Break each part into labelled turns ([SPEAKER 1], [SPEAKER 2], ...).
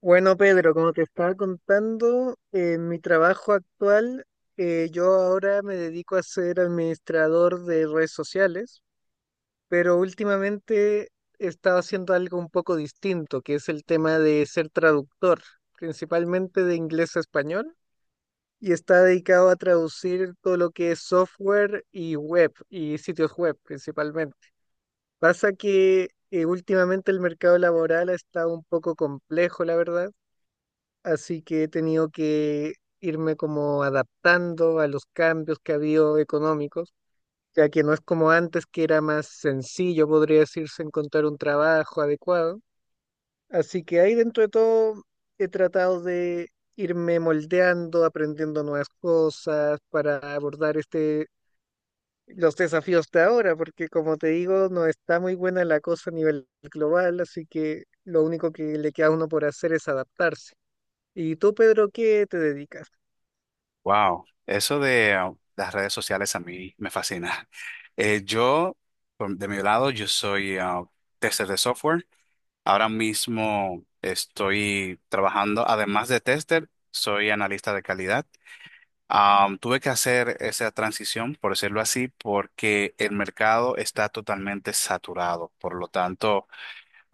[SPEAKER 1] Bueno, Pedro, como te estaba contando, en mi trabajo actual, yo ahora me dedico a ser administrador de redes sociales, pero últimamente he estado haciendo algo un poco distinto, que es el tema de ser traductor, principalmente de inglés a español, y está dedicado a traducir todo lo que es software y web, y sitios web principalmente. Pasa que últimamente el mercado laboral ha estado un poco complejo, la verdad, así que he tenido que irme como adaptando a los cambios que ha habido económicos, ya que no es como antes, que era más sencillo, podría decirse, encontrar un trabajo adecuado. Así que ahí, dentro de todo, he tratado de irme moldeando, aprendiendo nuevas cosas para abordar los desafíos de ahora, porque como te digo, no está muy buena la cosa a nivel global, así que lo único que le queda a uno por hacer es adaptarse. ¿Y tú, Pedro, qué te dedicas?
[SPEAKER 2] Wow, eso de las redes sociales a mí me fascina. Eh, yo, de mi lado, yo soy tester de software. Ahora mismo estoy trabajando, además de tester, soy analista de calidad. Tuve que hacer esa transición, por decirlo así, porque el mercado está totalmente saturado. Por lo tanto,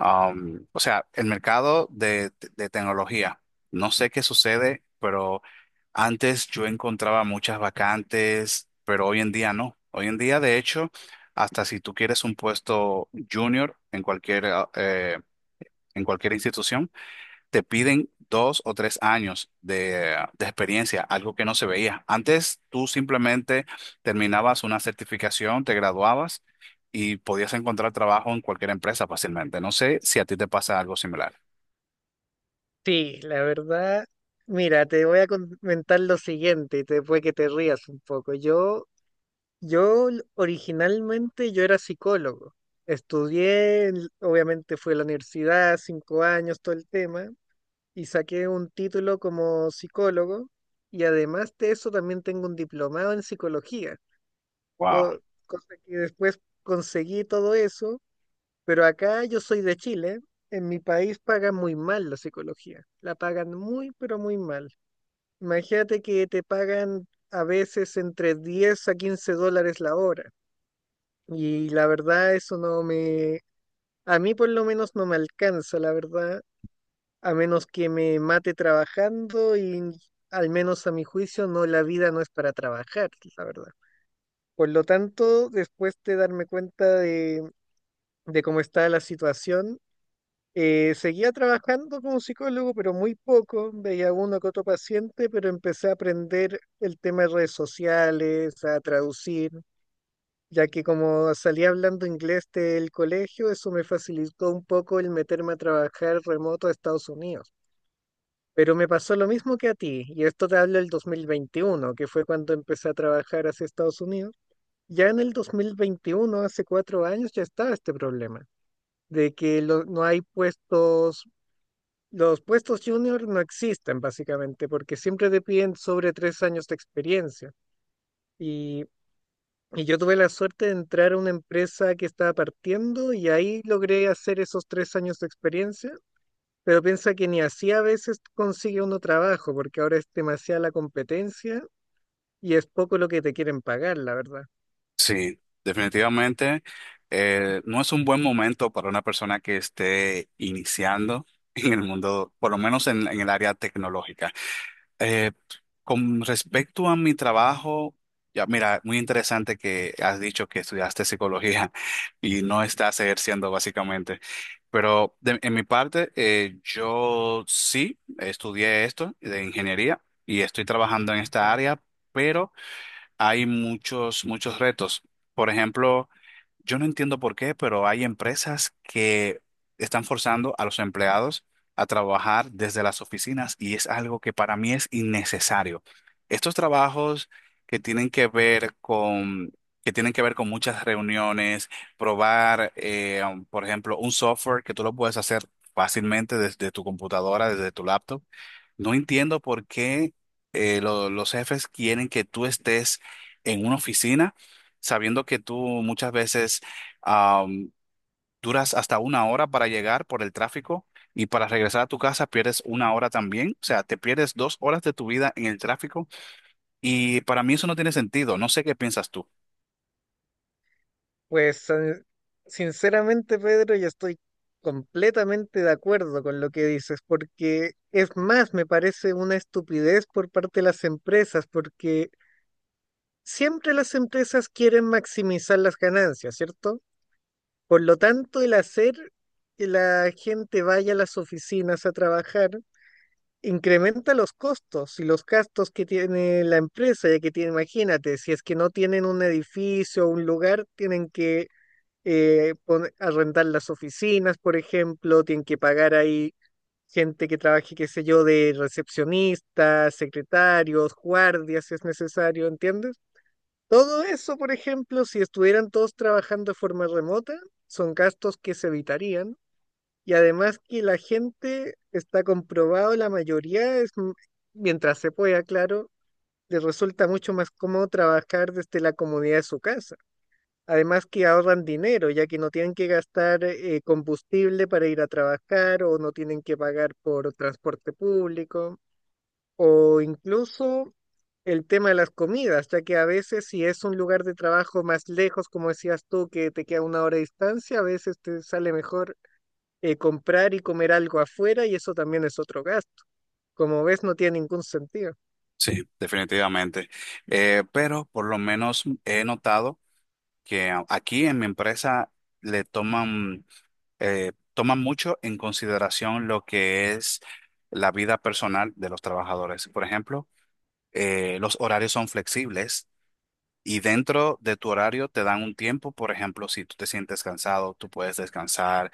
[SPEAKER 2] O sea, el mercado de tecnología. No sé qué sucede, pero antes yo encontraba muchas vacantes, pero hoy en día no. Hoy en día, de hecho, hasta si tú quieres un puesto junior en en cualquier institución, te piden dos o tres años de experiencia, algo que no se veía. Antes tú simplemente terminabas una certificación, te graduabas y podías encontrar trabajo en cualquier empresa fácilmente. No sé si a ti te pasa algo similar.
[SPEAKER 1] Sí, la verdad, mira, te voy a comentar lo siguiente y te, que te rías un poco. Originalmente yo era psicólogo. Estudié, obviamente fui a la universidad, 5 años, todo el tema, y saqué un título como psicólogo, y además de eso también tengo un diplomado en psicología,
[SPEAKER 2] Wow,
[SPEAKER 1] co- cosa que después conseguí todo eso. Pero acá yo soy de Chile, en mi país pagan muy mal la psicología, la pagan muy, pero muy mal. Imagínate que te pagan a veces entre 10 a 15 dólares la hora, y la verdad eso no me, a mí por lo menos no me alcanza, la verdad, a menos que me mate trabajando, y al menos a mi juicio no, la vida no es para trabajar, la verdad. Por lo tanto, después de darme cuenta de cómo está la situación, seguía trabajando como psicólogo, pero muy poco. Veía uno que otro paciente, pero empecé a aprender el tema de redes sociales, a traducir, ya que como salía hablando inglés del colegio, eso me facilitó un poco el meterme a trabajar remoto a Estados Unidos. Pero me pasó lo mismo que a ti, y esto te hablo del 2021, que fue cuando empecé a trabajar hacia Estados Unidos. Ya en el 2021, hace 4 años, ya estaba este problema de que no hay puestos, los puestos junior no existen básicamente porque siempre te piden sobre 3 años de experiencia. Y, y yo tuve la suerte de entrar a una empresa que estaba partiendo, y ahí logré hacer esos 3 años de experiencia. Pero piensa que ni así a veces consigue uno trabajo, porque ahora es demasiada la competencia y es poco lo que te quieren pagar, la verdad.
[SPEAKER 2] sí, definitivamente, no es un buen momento para una persona que esté iniciando en el mundo, por lo menos en el área tecnológica. Eh, Con respecto a mi trabajo, ya mira, muy interesante que has dicho que estudiaste psicología y no estás ejerciendo básicamente. Pero en mi parte, yo sí estudié esto de ingeniería y estoy trabajando en esta área, pero hay muchos retos. Por ejemplo, yo no entiendo por qué, pero hay empresas que están forzando a los empleados a trabajar desde las oficinas y es algo que para mí es innecesario. Estos trabajos que tienen que ver con, que tienen que ver con muchas reuniones, probar, por ejemplo, un software que tú lo puedes hacer fácilmente desde tu computadora, desde tu laptop. No entiendo por qué los jefes quieren que tú estés en una oficina sabiendo que tú muchas veces am, duras hasta una hora para llegar por el tráfico y para regresar a tu casa pierdes una hora también, o sea, te pierdes dos horas de tu vida en el tráfico y para mí eso no tiene sentido, no sé qué piensas tú.
[SPEAKER 1] Pues sinceramente, Pedro, yo estoy completamente de acuerdo con lo que dices, porque es más, me parece una estupidez por parte de las empresas, porque siempre las empresas quieren maximizar las ganancias, ¿cierto? Por lo tanto, el hacer que la gente vaya a las oficinas a trabajar incrementa los costos y los gastos que tiene la empresa, ya que tiene, imagínate, si es que no tienen un edificio o un lugar, tienen que arrendar las oficinas, por ejemplo, tienen que pagar ahí gente que trabaje, qué sé yo, de recepcionistas, secretarios, guardias, si es necesario, ¿entiendes? Todo eso, por ejemplo, si estuvieran todos trabajando de forma remota, son gastos que se evitarían. Y además, que la gente, está comprobado, la mayoría es, mientras se pueda, claro, les resulta mucho más cómodo trabajar desde la comodidad de su casa. Además que ahorran dinero, ya que no tienen que gastar combustible para ir a trabajar, o no tienen que pagar por transporte público, o incluso el tema de las comidas, ya que a veces, si es un lugar de trabajo más lejos, como decías tú, que te queda una hora de distancia, a veces te sale mejor comprar y comer algo afuera, y eso también es otro gasto. Como ves, no tiene ningún sentido.
[SPEAKER 2] Sí, definitivamente. Pero por lo menos he notado que aquí en mi empresa le toman, toman mucho en consideración lo que es la vida personal de los trabajadores. Por ejemplo, los horarios son flexibles y dentro de tu horario te dan un tiempo. Por ejemplo, si tú te sientes cansado, tú puedes descansar,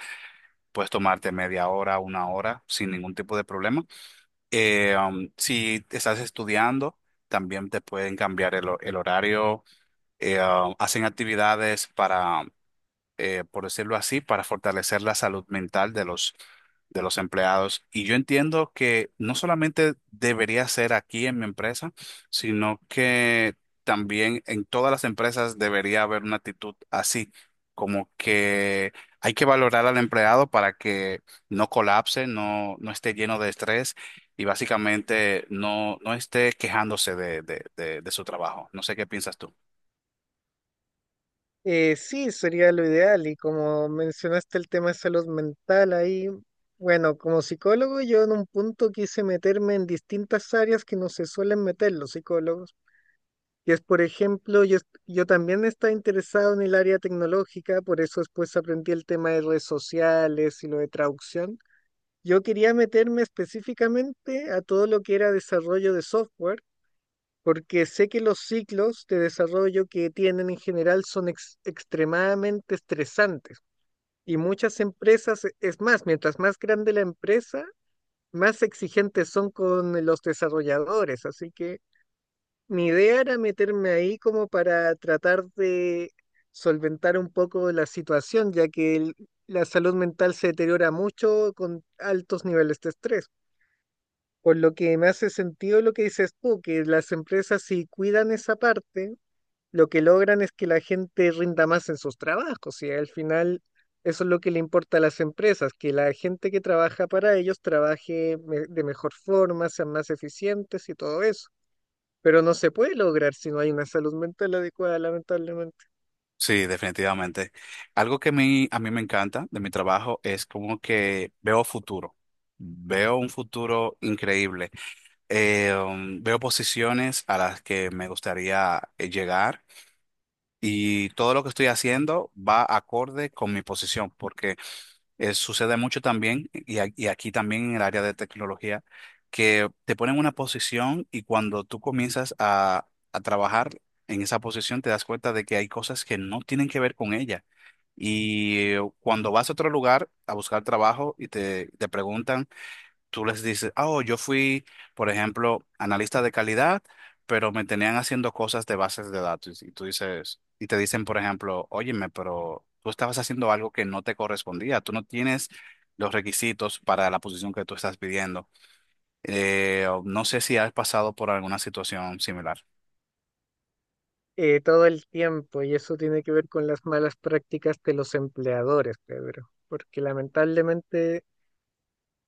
[SPEAKER 2] puedes tomarte media hora, una hora sin ningún tipo de problema. Si estás estudiando, también te pueden cambiar el horario. Hacen actividades para por decirlo así, para fortalecer la salud mental de los empleados. Y yo entiendo que no solamente debería ser aquí en mi empresa, sino que también en todas las empresas debería haber una actitud así, como que hay que valorar al empleado para que no colapse, no, no esté lleno de estrés y básicamente no, no esté quejándose de, de su trabajo. No sé qué piensas tú.
[SPEAKER 1] Sí, sería lo ideal. Y como mencionaste el tema de salud mental ahí, bueno, como psicólogo yo en un punto quise meterme en distintas áreas que no se suelen meter los psicólogos. Y es, por ejemplo, yo, yo también estaba interesado en el área tecnológica, por eso después aprendí el tema de redes sociales y lo de traducción. Yo quería meterme específicamente a todo lo que era desarrollo de software, porque sé que los ciclos de desarrollo que tienen en general son extremadamente estresantes, y muchas empresas, es más, mientras más grande la empresa, más exigentes son con los desarrolladores. Así que mi idea era meterme ahí como para tratar de solventar un poco la situación, ya que la salud mental se deteriora mucho con altos niveles de estrés. Por lo que me hace sentido lo que dices tú, que las empresas, si cuidan esa parte, lo que logran es que la gente rinda más en sus trabajos, y al final eso es lo que le importa a las empresas, que la gente que trabaja para ellos trabaje de mejor forma, sean más eficientes y todo eso. Pero no se puede lograr si no hay una salud mental adecuada, lamentablemente.
[SPEAKER 2] Sí, definitivamente. Algo que a mí me encanta de mi trabajo es como que veo futuro. Veo un futuro increíble. Veo posiciones a las que me gustaría llegar, y todo lo que estoy haciendo va acorde con mi posición, porque sucede mucho también, y aquí también en el área de tecnología, que te ponen una posición y cuando tú comienzas a trabajar en esa posición te das cuenta de que hay cosas que no tienen que ver con ella. Y cuando vas a otro lugar a buscar trabajo te preguntan, tú les dices, "Ah, oh, yo fui, por ejemplo, analista de calidad, pero me tenían haciendo cosas de bases de datos." Y tú dices, y te dicen, por ejemplo, óyeme, pero tú estabas haciendo algo que no te correspondía, tú no tienes los requisitos para la posición que tú estás pidiendo. O no sé si has pasado por alguna situación similar.
[SPEAKER 1] Todo el tiempo. Y eso tiene que ver con las malas prácticas de los empleadores, Pedro, porque lamentablemente,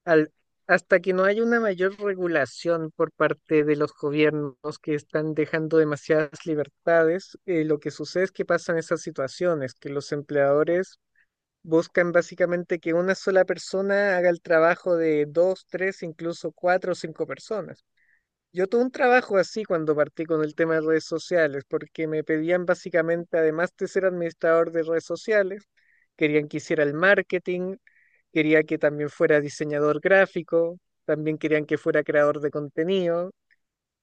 [SPEAKER 1] al- hasta que no haya una mayor regulación por parte de los gobiernos que están dejando demasiadas libertades, lo que sucede es que pasan esas situaciones, que los empleadores buscan básicamente que una sola persona haga el trabajo de dos, tres, incluso cuatro o cinco personas. Yo tuve un trabajo así cuando partí con el tema de redes sociales, porque me pedían básicamente, además de ser administrador de redes sociales, querían que hiciera el marketing, quería que también fuera diseñador gráfico, también querían que fuera creador de contenido,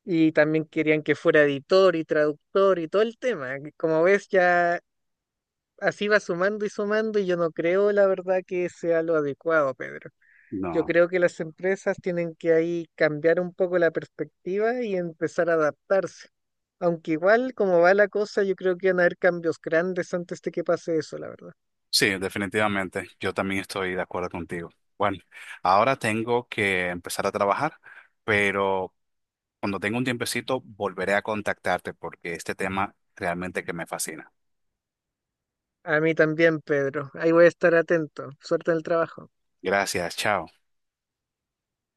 [SPEAKER 1] y también querían que fuera editor y traductor y todo el tema. Como ves, ya así va sumando y sumando, y yo no creo, la verdad, que sea lo adecuado, Pedro. Yo
[SPEAKER 2] No.
[SPEAKER 1] creo que las empresas tienen que ahí cambiar un poco la perspectiva y empezar a adaptarse. Aunque igual, como va la cosa, yo creo que van a haber cambios grandes antes de que pase eso, la verdad.
[SPEAKER 2] Sí, definitivamente. Yo también estoy de acuerdo contigo. Bueno, ahora tengo que empezar a trabajar, pero cuando tenga un tiempecito, volveré a contactarte porque este tema realmente que me fascina.
[SPEAKER 1] A mí también, Pedro. Ahí voy a estar atento. Suerte en el trabajo.
[SPEAKER 2] Gracias, chao.